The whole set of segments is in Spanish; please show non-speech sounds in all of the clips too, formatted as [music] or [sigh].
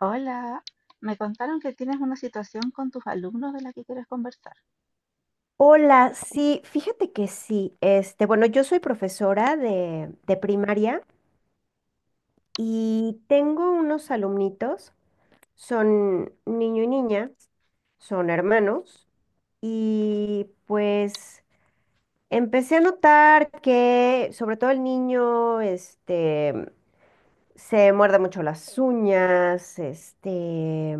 Hola, me contaron que tienes una situación con tus alumnos de la que quieres conversar. Hola, sí, fíjate que sí. Bueno, yo soy profesora de primaria y tengo unos alumnitos, son niño y niña, son hermanos, y pues empecé a notar que sobre todo el niño, se muerde mucho las uñas,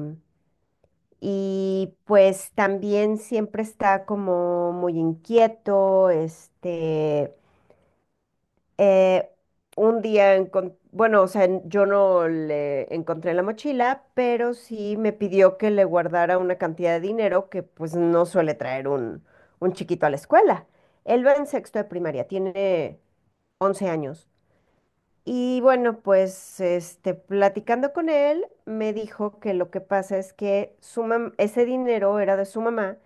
y pues también siempre está como muy inquieto, Eh, un día, bueno, o sea, yo no le encontré la mochila, pero sí me pidió que le guardara una cantidad de dinero que pues no suele traer un chiquito a la escuela. Él va en sexto de primaria, tiene 11 años. Y bueno, pues platicando con él, me dijo que lo que pasa es que su ese dinero era de su mamá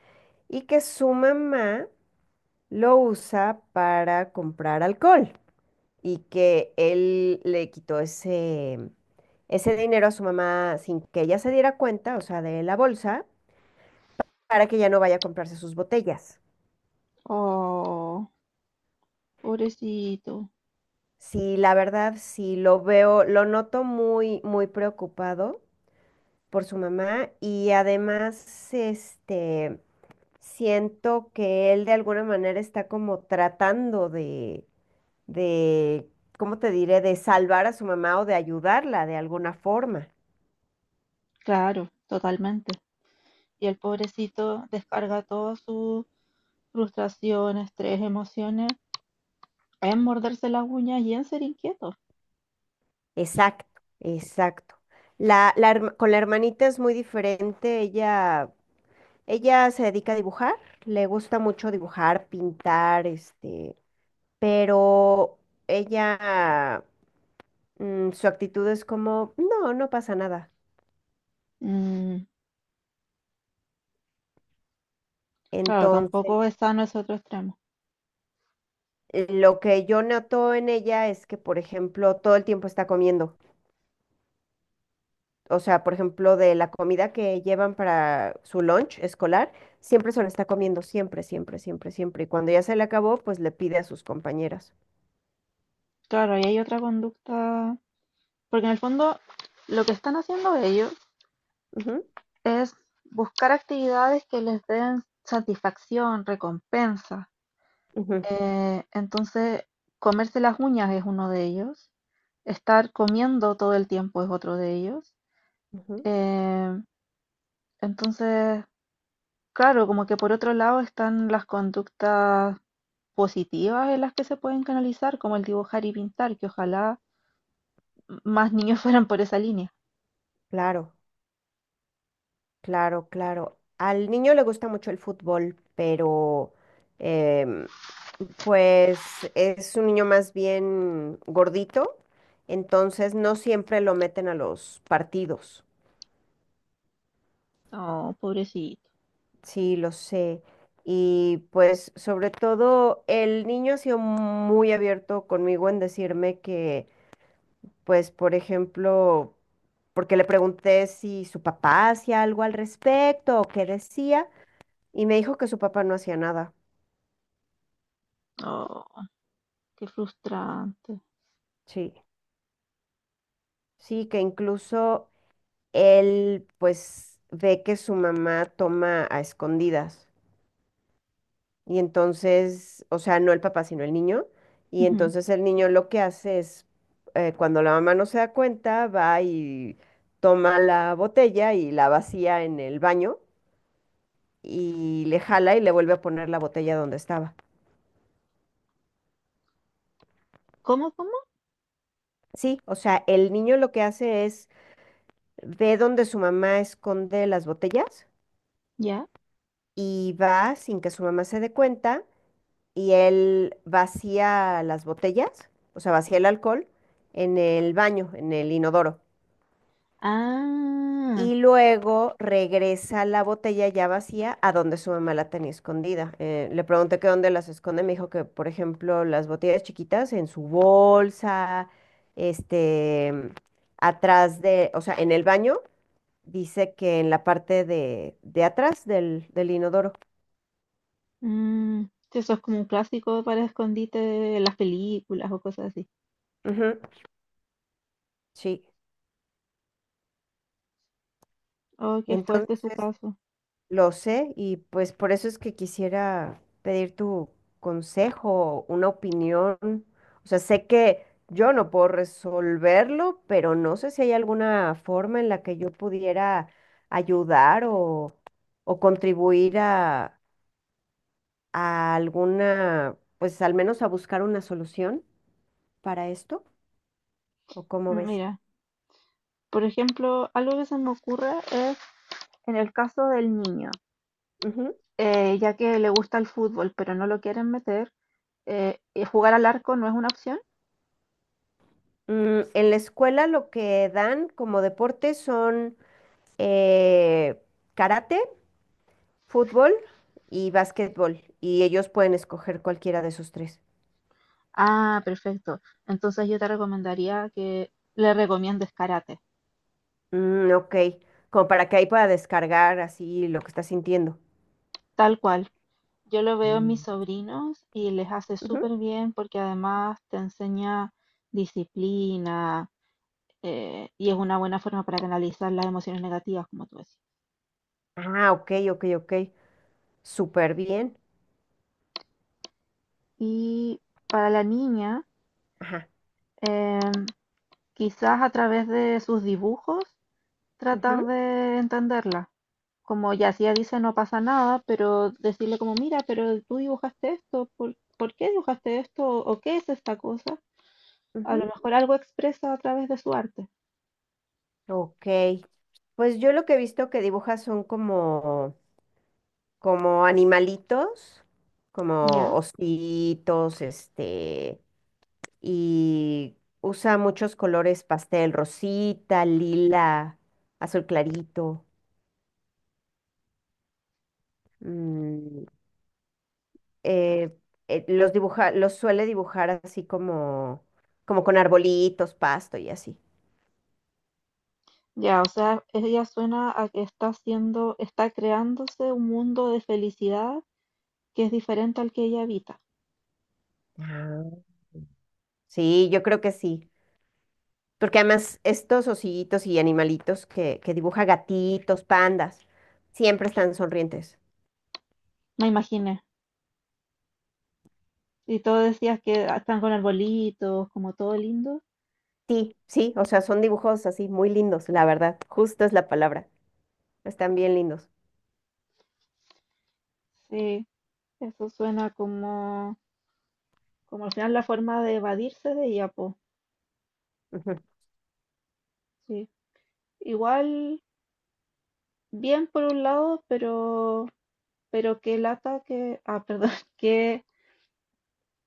y que su mamá lo usa para comprar alcohol y que él le quitó ese dinero a su mamá sin que ella se diera cuenta, o sea, de la bolsa, para que ya no vaya a comprarse sus botellas. Oh, pobrecito. Sí, la verdad, sí lo veo, lo noto muy, muy preocupado por su mamá y además, siento que él de alguna manera está como tratando de, ¿cómo te diré?, de salvar a su mamá o de ayudarla de alguna forma. Claro, totalmente. Y el pobrecito descarga toda su frustración, estrés, emociones en morderse las uñas y en ser inquieto. Exacto, exacto. Con la hermanita es muy diferente. Ella se dedica a dibujar, le gusta mucho dibujar, pintar, pero ella, su actitud es como, no, no pasa nada. Mm, claro, Entonces, tampoco es sano ese otro extremo. Lo que yo noto en ella es que, por ejemplo, todo el tiempo está comiendo. O sea, por ejemplo, de la comida que llevan para su lunch escolar, siempre se lo está comiendo, siempre, siempre, siempre, siempre. Y cuando ya se le acabó, pues le pide a sus compañeras. Claro, ahí hay otra conducta, porque en el fondo, lo que están haciendo ellos Ujú, es buscar actividades que les den satisfacción, recompensa. ujú, Entonces, comerse las uñas es uno de ellos. Estar comiendo todo el tiempo es otro de ellos. ujú. Eh, entonces, claro, como que por otro lado están las conductas positivas en las que se pueden canalizar, como el dibujar y pintar, que ojalá más niños [laughs] fueran por esa línea. Claro, claro, claro. Al niño le gusta mucho el fútbol, pero em, pues es un niño más bien gordito, entonces no siempre lo meten a los partidos. Oh, pobrecito. Sí, lo sé. Y pues sobre todo el niño ha sido muy abierto conmigo en decirme que, pues por ejemplo, porque le pregunté si su papá hacía algo al respecto o qué decía, y me dijo que su papá no hacía nada. Oh, qué frustrante. Sí, sí, que incluso él pues ve que su mamá toma a escondidas. Y entonces, o sea, no el papá, sino el niño. Y Ujú. entonces el niño lo que hace es, cuando la mamá no se da cuenta, va y toma la botella y la vacía en el baño y le jala y le vuelve a poner la botella donde estaba. ¿Cómo, cómo? Sí, o sea, el niño lo que hace es ve donde su mamá esconde las botellas ¿Ya? y va sin que su mamá se dé cuenta y él vacía las botellas, o sea, vacía el alcohol en el baño, en el inodoro. Ah. Y luego regresa la botella ya vacía a donde su mamá la tenía escondida. Le pregunté que dónde las esconde, me dijo que, por ejemplo, las botellas chiquitas en su bolsa, este, atrás de, o sea, en el baño, dice que en la parte de atrás del inodoro. Mm, sí, eso es como un clásico para escondite de las películas o cosas así. Ujú, sí. Oh, qué fuerte su Entonces, caso. Lo sé y pues por eso es que quisiera pedir tu consejo, una opinión. O sea, sé que yo no puedo resolverlo, pero no sé si hay alguna forma en la que yo pudiera ayudar o contribuir a alguna, pues al menos a buscar una solución para esto, ¿o cómo Mm, ves? mira, por ejemplo, algo que se me ocurre es en el caso del niño, Ujú. Ya que le gusta el fútbol, pero no lo quieren meter, ¿jugar al arco no es una opción? Mm, en la escuela lo que dan como deporte son eh, karate. Fútbol y básquetbol, y ellos pueden escoger cualquiera de esos tres. Ah, perfecto. Entonces yo te recomendaría que le recomiendes karate, Mm, ok, como para que ahí pueda descargar así lo que está sintiendo. tal cual. Yo lo veo en mis Mm. sobrinos y les hace Ujú. súper bien porque además te enseña disciplina, y es una buena forma para canalizar las emociones negativas, como tú decías. Ah, ok, ok, ok. Súper bien. Y para la niña, Ajá. eh, quizás a través de sus dibujos tratar Ujú, de entenderla. Como ya si ella dice no pasa nada, pero decirle como, mira, pero tú dibujaste esto, ¿por qué dibujaste esto? ¿O qué es esta cosa? A lo ujú. mejor algo expresa a través de su arte. Ok. Pues yo lo que he visto que dibujas son como, como animalitos, como Ya, ositos, y usa muchos colores pastel, rosita, lila, azul clarito. mm, eh, los dibuja, los suele dibujar así como, como con arbolitos, pasto y así. ya, o sea, ella suena a que está haciendo, está creándose un mundo de felicidad que es diferente al que ella habita. Ah, sí, yo creo que sí. Porque además estos osillitos y animalitos que dibuja gatitos, pandas, siempre están sonrientes. Me imaginé. Y todo decías que ah, están con arbolitos, como todo lindo. Sí, sí, o sea, son dibujos así muy lindos, la verdad. Justo es la palabra. Están bien lindos. Sí, eso suena como, como al final la forma de evadirse de ella, po. Ujú. Sí. Igual, bien por un lado, pero qué lata que, ah, perdón, [laughs] qué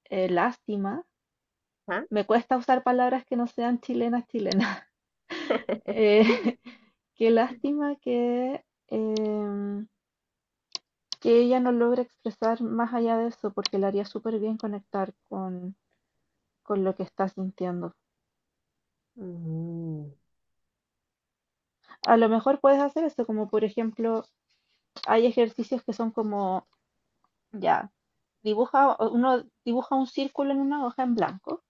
lástima. Ah, Me cuesta usar palabras que no sean chilenas. [laughs] Eh, [laughs] qué lástima que, que ella no logre expresar más allá de eso, porque le haría súper bien conectar con lo que estás sintiendo. mm, A lo mejor puedes hacer esto, como por ejemplo, hay ejercicios que son como, ya, dibuja, o uno dibuja un círculo en una hoja en blanco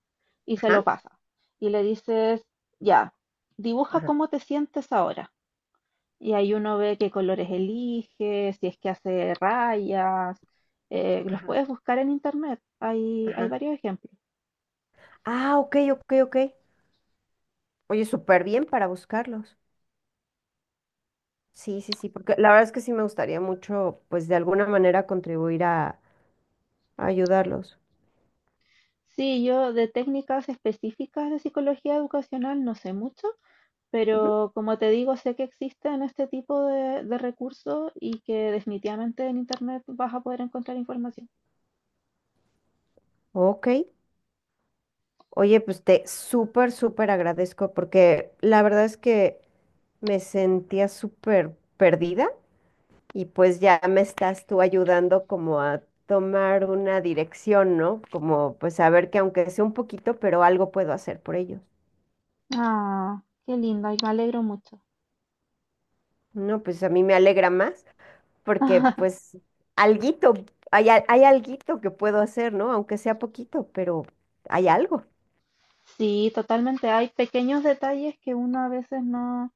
y se lo ajá, pasa. Y le dices, ya, dibuja ajá, cómo te sientes ahora. Y ahí uno ve qué colores elige, si es que hace rayas, los ajá, puedes buscar en internet, hay ajá. varios ejemplos. Ah, ok, ok, ok. Oye, súper bien para buscarlos. Sí, sí, sí, porque la verdad es que sí me gustaría mucho, pues de alguna manera contribuir a ayudarlos. Sí, yo de técnicas específicas de psicología educacional no sé mucho, Ujú. pero como te digo, sé que existen este tipo de recursos y que definitivamente en internet vas a poder encontrar información. Ok. Oye, pues te súper, súper agradezco porque la verdad es que me sentía súper perdida y pues ya me estás tú ayudando como a tomar una dirección, ¿no? Como pues saber que aunque sea un poquito, pero algo puedo hacer por ellos. Ah, qué lindo, y me alegro mucho. No, pues a mí me alegra más porque [laughs] pues alguito, hay alguito que puedo hacer, ¿no? Aunque sea poquito, pero hay algo. Sí, totalmente. Hay pequeños detalles que uno a veces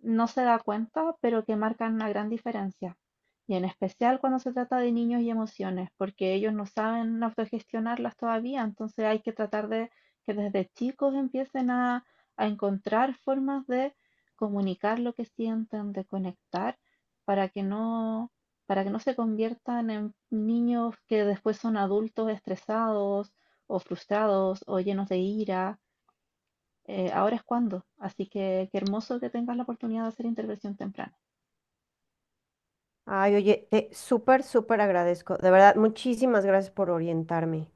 no se da cuenta, pero que marcan una gran diferencia. Y en especial cuando se trata de niños y emociones, porque ellos no saben autogestionarlas todavía, entonces hay que tratar de que desde chicos empiecen a encontrar formas de comunicar lo que sienten, de conectar, para que no, para que no se conviertan en niños que después son adultos estresados o frustrados o llenos de ira, ahora es cuando. Así que qué hermoso que tengas la oportunidad de hacer intervención temprana. Ay, oye, te súper, súper agradezco. De verdad, muchísimas gracias por orientarme.